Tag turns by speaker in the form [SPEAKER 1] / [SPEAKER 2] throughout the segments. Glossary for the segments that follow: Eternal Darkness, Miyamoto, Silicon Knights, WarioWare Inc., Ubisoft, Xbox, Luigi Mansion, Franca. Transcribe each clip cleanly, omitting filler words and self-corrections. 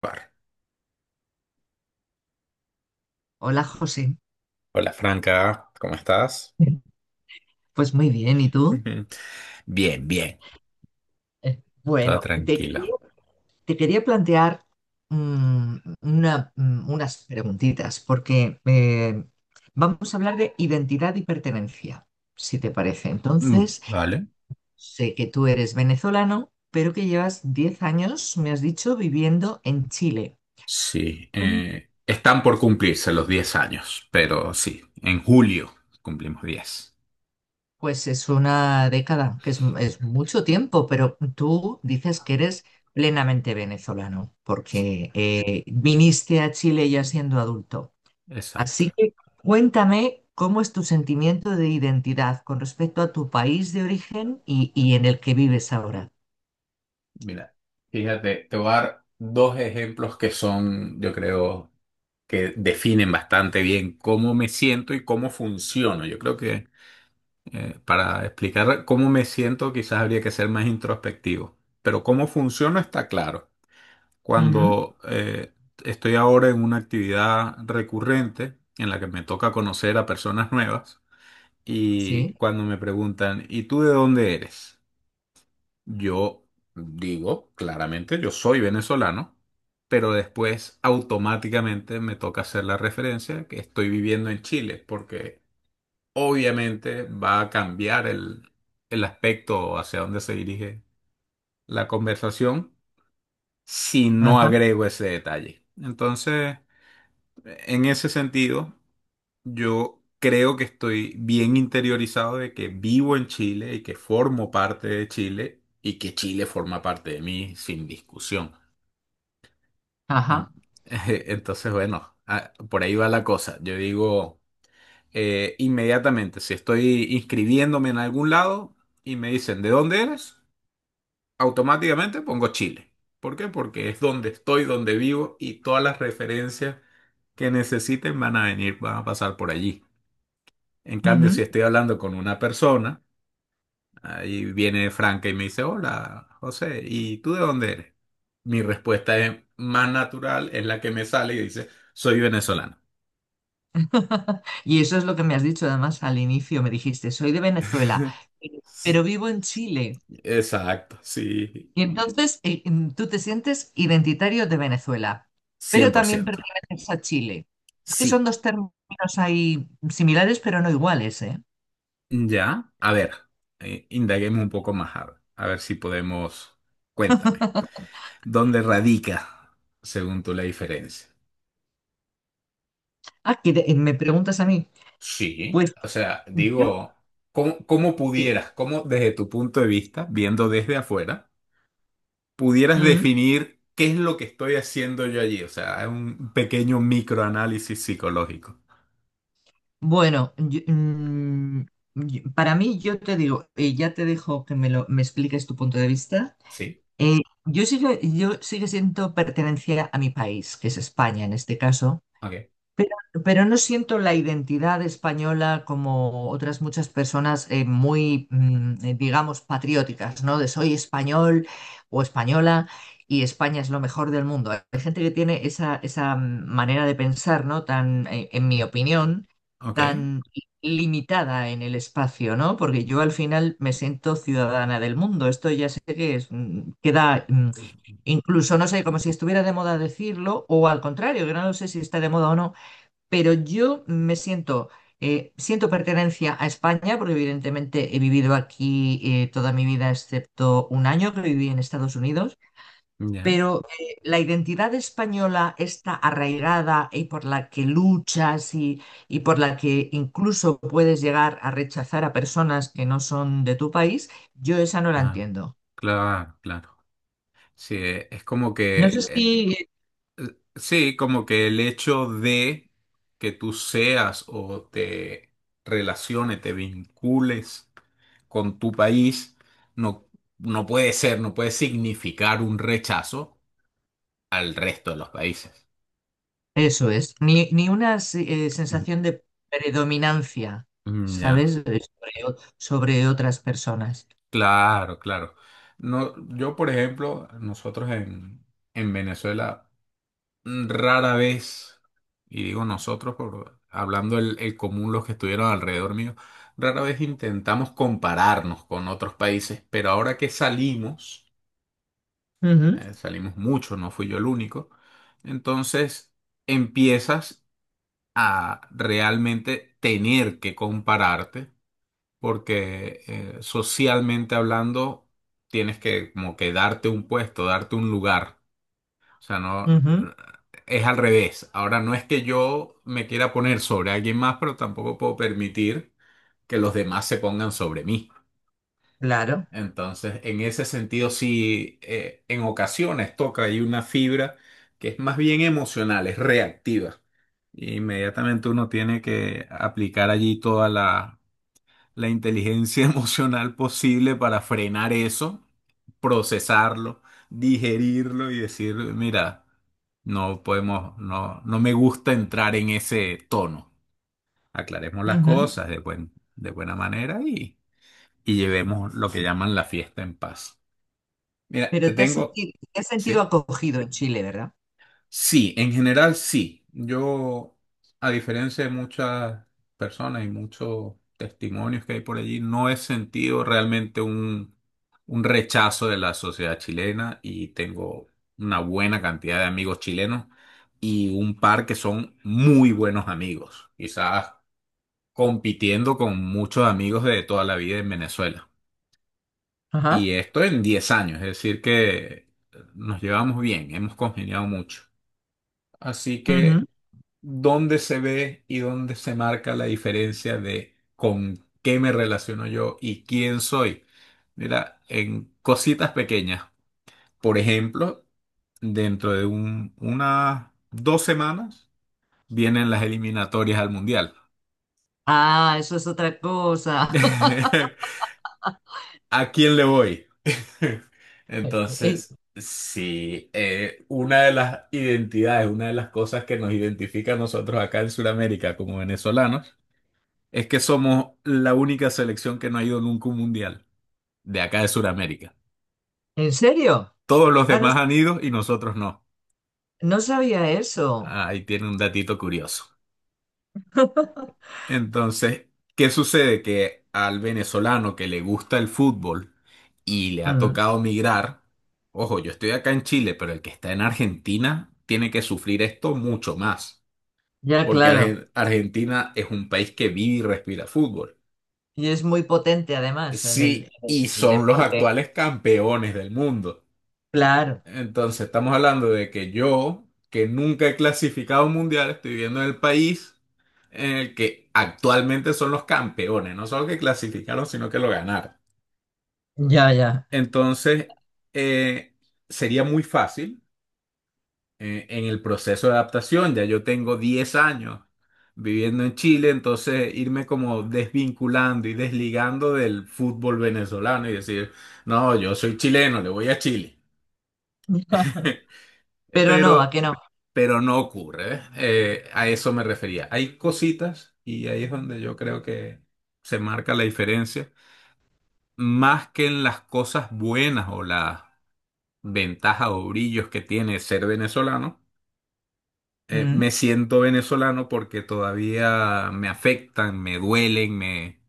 [SPEAKER 1] Bar.
[SPEAKER 2] Hola José,
[SPEAKER 1] Hola Franca, ¿cómo estás?
[SPEAKER 2] pues muy bien, ¿y tú?
[SPEAKER 1] Ujú. Bien, bien,
[SPEAKER 2] Eh,
[SPEAKER 1] todo
[SPEAKER 2] Bueno, te
[SPEAKER 1] tranquilo.
[SPEAKER 2] quería, Te quería plantear unas preguntitas, porque vamos a hablar de identidad y pertenencia, si te parece.
[SPEAKER 1] Mm,
[SPEAKER 2] Entonces,
[SPEAKER 1] vale.
[SPEAKER 2] sé que tú eres venezolano, pero que llevas 10 años, me has dicho, viviendo en Chile.
[SPEAKER 1] Sí, están por cumplirse los 10 años, pero sí, en julio cumplimos 10.
[SPEAKER 2] Pues es una década, que es mucho tiempo, pero tú dices que eres plenamente venezolano,
[SPEAKER 1] Sí,
[SPEAKER 2] porque viniste a Chile ya siendo adulto.
[SPEAKER 1] exacto.
[SPEAKER 2] Así que cuéntame cómo es tu sentimiento de identidad con respecto a tu país de origen y en el que vives ahora.
[SPEAKER 1] Mira, fíjate, te voy a dar dos ejemplos que son, yo creo, que definen bastante bien cómo me siento y cómo funciono. Yo creo que para explicar cómo me siento, quizás habría que ser más introspectivo, pero cómo funciona está claro.
[SPEAKER 2] Ujú,
[SPEAKER 1] Cuando estoy ahora en una actividad recurrente en la que me toca conocer a personas nuevas y
[SPEAKER 2] sí,
[SPEAKER 1] cuando me preguntan, ¿y tú de dónde eres? Yo digo claramente, yo soy venezolano, pero después automáticamente me toca hacer la referencia que estoy viviendo en Chile, porque obviamente va a cambiar el aspecto hacia dónde se dirige la conversación si no
[SPEAKER 2] ajá,
[SPEAKER 1] agrego ese detalle. Entonces, en ese sentido, yo creo que estoy bien interiorizado de que vivo en Chile y que formo parte de Chile y que Chile forma parte de mí sin discusión.
[SPEAKER 2] ajá.
[SPEAKER 1] En- Entonces, bueno, ah, por ahí va la cosa. Yo digo, inmediatamente. Si estoy inscribiéndome en algún lado y me dicen, ¿de dónde eres? Automáticamente pongo Chile. ¿Por qué? Porque es donde estoy, donde vivo y todas las referencias que necesiten van a venir, van a pasar por allí. En cambio, si
[SPEAKER 2] Ujú.
[SPEAKER 1] estoy hablando con una persona, ahí viene Franca y me dice, hola, José, ¿y tú de dónde eres? Mi respuesta es más natural, es la que me sale y dice, soy venezolano.
[SPEAKER 2] Y eso es lo que me has dicho, además, al inicio me dijiste, soy de Venezuela, pero vivo en Chile.
[SPEAKER 1] Exacto, sí,
[SPEAKER 2] Y entonces tú te sientes identitario de Venezuela,
[SPEAKER 1] cien
[SPEAKER 2] pero
[SPEAKER 1] por
[SPEAKER 2] también
[SPEAKER 1] ciento,
[SPEAKER 2] perteneces a Chile. Es que son
[SPEAKER 1] sí.
[SPEAKER 2] dos términos ahí similares, pero no iguales, ¿eh?
[SPEAKER 1] Ya, a ver, indaguemos un poco más, a ver si podemos. Cuéntame, ¿dónde radica, según tú, la diferencia?
[SPEAKER 2] Ah, que te- me preguntas a mí.
[SPEAKER 1] Sí,
[SPEAKER 2] Pues
[SPEAKER 1] o sea,
[SPEAKER 2] yo,
[SPEAKER 1] digo, cómo
[SPEAKER 2] sí.
[SPEAKER 1] pudieras, cómo desde tu punto de vista, viendo desde afuera, pudieras
[SPEAKER 2] Mm,
[SPEAKER 1] definir qué es lo que estoy haciendo yo allí? O sea, es un pequeño microanálisis psicológico.
[SPEAKER 2] bueno, yo- mm, para mí yo te digo, y ya te dejo que me expliques tu punto de vista.
[SPEAKER 1] Sí,
[SPEAKER 2] Eh, yo sigo siento pertenencia a mi país, que es España en este caso.
[SPEAKER 1] ok.
[SPEAKER 2] Pero, pero no siento la identidad española como otras muchas personas digamos, patrióticas, ¿no? De soy español o española y España es lo mejor del mundo. Hay gente que tiene esa manera de pensar, ¿no? Tan, en mi opinión,
[SPEAKER 1] Ok,
[SPEAKER 2] tan limitada en el espacio, ¿no? Porque yo al final me siento ciudadana del mundo. Esto ya sé que es, mm, queda mm, Incluso, no sé, como si estuviera de moda decirlo, o al contrario, que no lo sé si está de moda o no, pero yo me siento, siento pertenencia a España, porque evidentemente he vivido aquí toda mi vida, excepto un año que viví en Estados Unidos,
[SPEAKER 1] ya,
[SPEAKER 2] pero la identidad española está arraigada y por la que luchas y por la que incluso puedes llegar a rechazar a personas que no son de tu país, yo esa no la
[SPEAKER 1] claro.
[SPEAKER 2] entiendo.
[SPEAKER 1] Claro, claro. Sí, es como
[SPEAKER 2] No sé
[SPEAKER 1] que
[SPEAKER 2] si
[SPEAKER 1] sí, como que el hecho de que tú seas o te relaciones, te vincules con tu país, no, no puede ser, no puede significar un rechazo al resto de los países.
[SPEAKER 2] Eso es, ni una
[SPEAKER 1] Ujú.
[SPEAKER 2] sensación de predominancia,
[SPEAKER 1] Mm, ya.
[SPEAKER 2] ¿sabes? Sobre, sobre otras personas.
[SPEAKER 1] Claro, claro. No, yo, por ejemplo, nosotros en Venezuela rara vez, y digo nosotros, por, hablando el común, los que estuvieron alrededor mío, rara vez intentamos compararnos con otros países, pero ahora que salimos mucho, no fui yo el único, entonces empiezas a realmente tener que compararte, porque socialmente hablando, tienes que como que darte un puesto, darte un lugar. O sea, no,
[SPEAKER 2] Ujú, ujú,
[SPEAKER 1] es al revés. Ahora no es que yo me quiera poner sobre alguien más, pero tampoco puedo permitir que los demás se pongan sobre mí.
[SPEAKER 2] claro.
[SPEAKER 1] Entonces, en ese sentido, sí, en ocasiones toca ahí una fibra que es más bien emocional, es reactiva. Inmediatamente uno tiene que aplicar allí toda la inteligencia emocional posible para frenar eso, procesarlo, digerirlo y decir, mira, no podemos, no, no me gusta entrar en ese tono. Aclaremos las
[SPEAKER 2] Ujú.
[SPEAKER 1] cosas de buena manera y llevemos lo que llaman la fiesta en paz. Mira, te
[SPEAKER 2] Pero
[SPEAKER 1] tengo,
[SPEAKER 2] te has sentido
[SPEAKER 1] ¿sí?
[SPEAKER 2] acogido en Chile, ¿verdad?
[SPEAKER 1] Sí, en general sí. Yo, a diferencia de muchas personas y muchos testimonios que hay por allí, no he sentido realmente un rechazo de la sociedad chilena y tengo una buena cantidad de amigos chilenos y un par que son muy buenos amigos, quizás compitiendo con muchos amigos de toda la vida en Venezuela. Y
[SPEAKER 2] Ajá.
[SPEAKER 1] esto en 10 años, es decir, que nos llevamos bien, hemos congeniado mucho. Así
[SPEAKER 2] Ujú.
[SPEAKER 1] que, ¿dónde se ve y dónde se marca la diferencia de con qué me relaciono yo y quién soy? Mira, en cositas pequeñas. Por ejemplo, dentro de unas 2 semanas vienen las eliminatorias al Mundial.
[SPEAKER 2] Ah, eso es otra cosa.
[SPEAKER 1] ¿A quién le voy?
[SPEAKER 2] Eh,
[SPEAKER 1] Entonces, sí, una de las identidades, una de las cosas que nos identifica a nosotros acá en Sudamérica como venezolanos es que somos la única selección que no ha ido nunca a un mundial de acá de Sudamérica.
[SPEAKER 2] ¿En serio?
[SPEAKER 1] Todos los
[SPEAKER 2] Ah, no,
[SPEAKER 1] demás han ido y nosotros no.
[SPEAKER 2] no sabía eso.
[SPEAKER 1] Ah, ahí tiene un datito curioso. Entonces, ¿qué sucede? Que al venezolano que le gusta el fútbol y le ha
[SPEAKER 2] Mm,
[SPEAKER 1] tocado migrar, ojo, yo estoy acá en Chile, pero el que está en Argentina tiene que sufrir esto mucho más,
[SPEAKER 2] ya,
[SPEAKER 1] porque
[SPEAKER 2] claro.
[SPEAKER 1] Argentina es un país que vive y respira fútbol.
[SPEAKER 2] Y es muy potente además
[SPEAKER 1] Sí,
[SPEAKER 2] en
[SPEAKER 1] y
[SPEAKER 2] el
[SPEAKER 1] son los
[SPEAKER 2] deporte.
[SPEAKER 1] actuales campeones del mundo.
[SPEAKER 2] Claro.
[SPEAKER 1] Entonces, estamos hablando de que yo, que nunca he clasificado un mundial, estoy viviendo en el país en el que actualmente son los campeones, no solo que clasificaron, sino que lo ganaron.
[SPEAKER 2] Ya, ya.
[SPEAKER 1] Entonces, eh, sería muy fácil en el proceso de adaptación. Ya yo tengo 10 años viviendo en Chile, entonces irme como desvinculando y desligando del fútbol venezolano y decir, no, yo soy chileno, le voy a Chile.
[SPEAKER 2] Pero no, ¿a
[SPEAKER 1] Pero
[SPEAKER 2] qué no?
[SPEAKER 1] pero no ocurre. ¿Ves? A eso me refería. Hay cositas y ahí es donde yo creo que se marca la diferencia, más que en las cosas buenas o las ventajas o brillos que tiene ser venezolano. eh,
[SPEAKER 2] Mm,
[SPEAKER 1] me siento venezolano porque todavía me afectan, me duelen, me,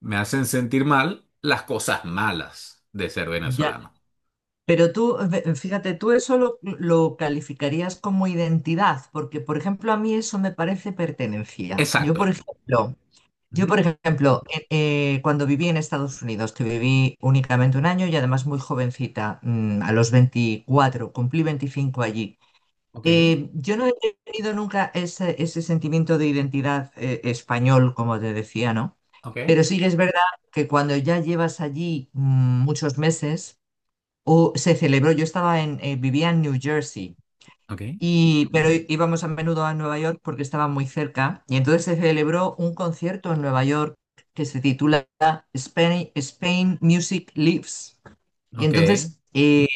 [SPEAKER 1] me hacen sentir mal las cosas malas de ser
[SPEAKER 2] ya,
[SPEAKER 1] venezolano.
[SPEAKER 2] pero tú, fíjate, tú eso lo calificarías como identidad, porque, por ejemplo, a mí eso me parece pertenencia. Yo,
[SPEAKER 1] Exacto.
[SPEAKER 2] por ejemplo, yo, por
[SPEAKER 1] Ujú.
[SPEAKER 2] ejemplo, eh, eh, cuando viví en Estados Unidos, que viví únicamente un año y además muy jovencita, a los 24 cumplí 25 allí.
[SPEAKER 1] Ok,
[SPEAKER 2] Yo no he tenido nunca ese sentimiento de identidad, español, como te decía, ¿no?
[SPEAKER 1] ok,
[SPEAKER 2] Pero sí que es verdad que cuando ya llevas allí muchos meses, O se celebró, yo estaba vivía en New Jersey,
[SPEAKER 1] ok,
[SPEAKER 2] y, pero íbamos a menudo a Nueva York porque estaba muy cerca, y entonces se celebró un concierto en Nueva York que se titula Spain, Spain Music Lives. Y
[SPEAKER 1] ok,
[SPEAKER 2] entonces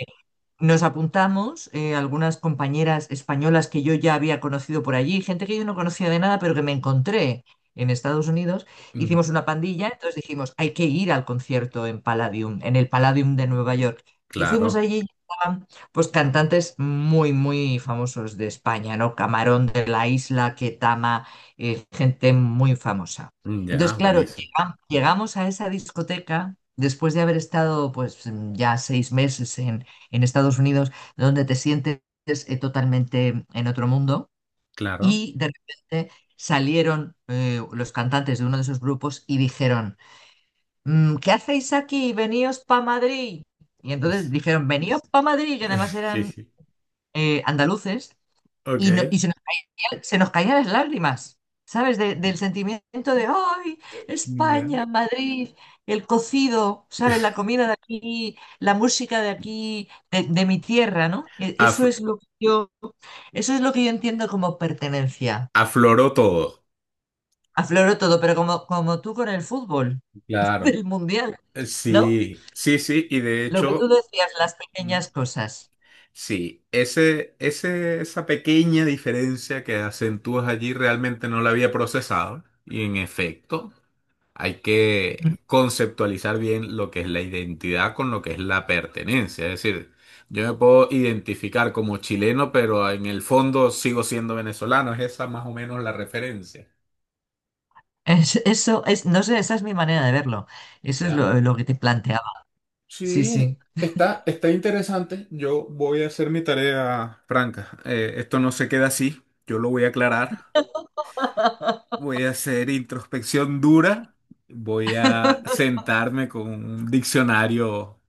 [SPEAKER 2] nos apuntamos, algunas compañeras españolas que yo ya había conocido por allí, gente que yo no conocía de nada, pero que me encontré en Estados Unidos. Hicimos
[SPEAKER 1] ujú,
[SPEAKER 2] una pandilla, entonces dijimos, hay que ir al concierto en Palladium, en el Palladium de Nueva York. Y fuimos
[SPEAKER 1] claro.
[SPEAKER 2] allí y estaban pues cantantes muy, muy famosos de España, ¿no? Camarón de la Isla, Ketama, gente muy famosa.
[SPEAKER 1] Ya,
[SPEAKER 2] Entonces, claro,
[SPEAKER 1] buenísimo.
[SPEAKER 2] llegamos a esa discoteca después de haber estado pues ya 6 meses en Estados Unidos, donde te sientes totalmente en otro mundo.
[SPEAKER 1] Claro.
[SPEAKER 2] Y de repente salieron los cantantes de uno de esos grupos y dijeron, "Mm, ¿qué hacéis aquí? Veníos pa' Madrid. Y entonces
[SPEAKER 1] Es-
[SPEAKER 2] dijeron, veníos pa' Madrid, que además eran
[SPEAKER 1] Jeje.
[SPEAKER 2] andaluces, y, no-
[SPEAKER 1] Ok.
[SPEAKER 2] y se se nos caían las lágrimas, ¿sabes? Del sentimiento de, ¡ay!
[SPEAKER 1] Ya.
[SPEAKER 2] España, Madrid, el cocido, ¿sabes? La comida de aquí, la música de aquí, de mi tierra, ¿no?
[SPEAKER 1] Af-
[SPEAKER 2] Eso es lo que yo, eso es lo que yo entiendo como pertenencia.
[SPEAKER 1] Afloró todo.
[SPEAKER 2] Afloró todo, pero como, como tú con el fútbol
[SPEAKER 1] Claro.
[SPEAKER 2] del mundial, ¿no?
[SPEAKER 1] Sí, sí, sí. Y de
[SPEAKER 2] Lo que tú
[SPEAKER 1] hecho,
[SPEAKER 2] decías, las
[SPEAKER 1] mm,
[SPEAKER 2] pequeñas cosas.
[SPEAKER 1] sí, esa pequeña diferencia que acentúas allí realmente no la había procesado. Y en efecto. Hay que conceptualizar bien lo que es la identidad con lo que es la pertenencia. Es decir, yo me puedo identificar como chileno, pero en el fondo sigo siendo venezolano. Es esa más o menos la referencia.
[SPEAKER 2] Eso es, no sé, esa es mi manera de verlo. Eso es
[SPEAKER 1] ¿Ya?
[SPEAKER 2] lo que te planteaba. Sí,
[SPEAKER 1] Sí,
[SPEAKER 2] sí.
[SPEAKER 1] está interesante. Yo voy a hacer mi tarea franca. Esto no se queda así. Yo lo voy a aclarar. Voy a hacer introspección dura. Voy a sentarme con un diccionario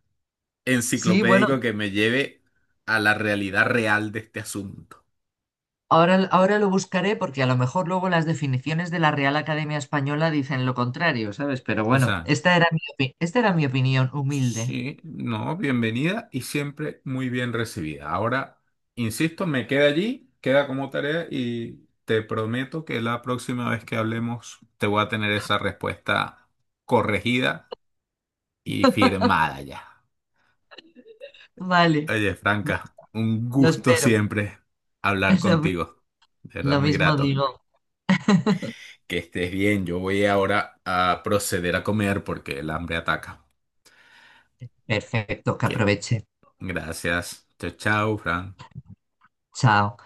[SPEAKER 2] Sí, bueno.
[SPEAKER 1] enciclopédico que me lleve a la realidad real de este asunto.
[SPEAKER 2] Ahora, ahora lo buscaré porque a lo mejor luego las definiciones de la Real Academia Española dicen lo contrario, ¿sabes? Pero bueno,
[SPEAKER 1] Exacto.
[SPEAKER 2] esta era mi esta era mi opinión humilde.
[SPEAKER 1] Sí, no, bienvenida y siempre muy bien recibida. Ahora, insisto, me queda allí, queda como tarea y te prometo que la próxima vez que hablemos te voy a tener esa respuesta corregida y firmada ya.
[SPEAKER 2] Vale,
[SPEAKER 1] Oye, Franca, un
[SPEAKER 2] lo
[SPEAKER 1] gusto
[SPEAKER 2] espero.
[SPEAKER 1] siempre hablar
[SPEAKER 2] Lo mi-
[SPEAKER 1] contigo. De verdad,
[SPEAKER 2] lo
[SPEAKER 1] muy
[SPEAKER 2] mismo
[SPEAKER 1] grato.
[SPEAKER 2] digo.
[SPEAKER 1] Que estés bien, yo voy ahora a proceder a comer porque el hambre ataca.
[SPEAKER 2] Perfecto, que
[SPEAKER 1] Que
[SPEAKER 2] aproveche.
[SPEAKER 1] Gracias. Chao, chao, Fran.
[SPEAKER 2] Chao.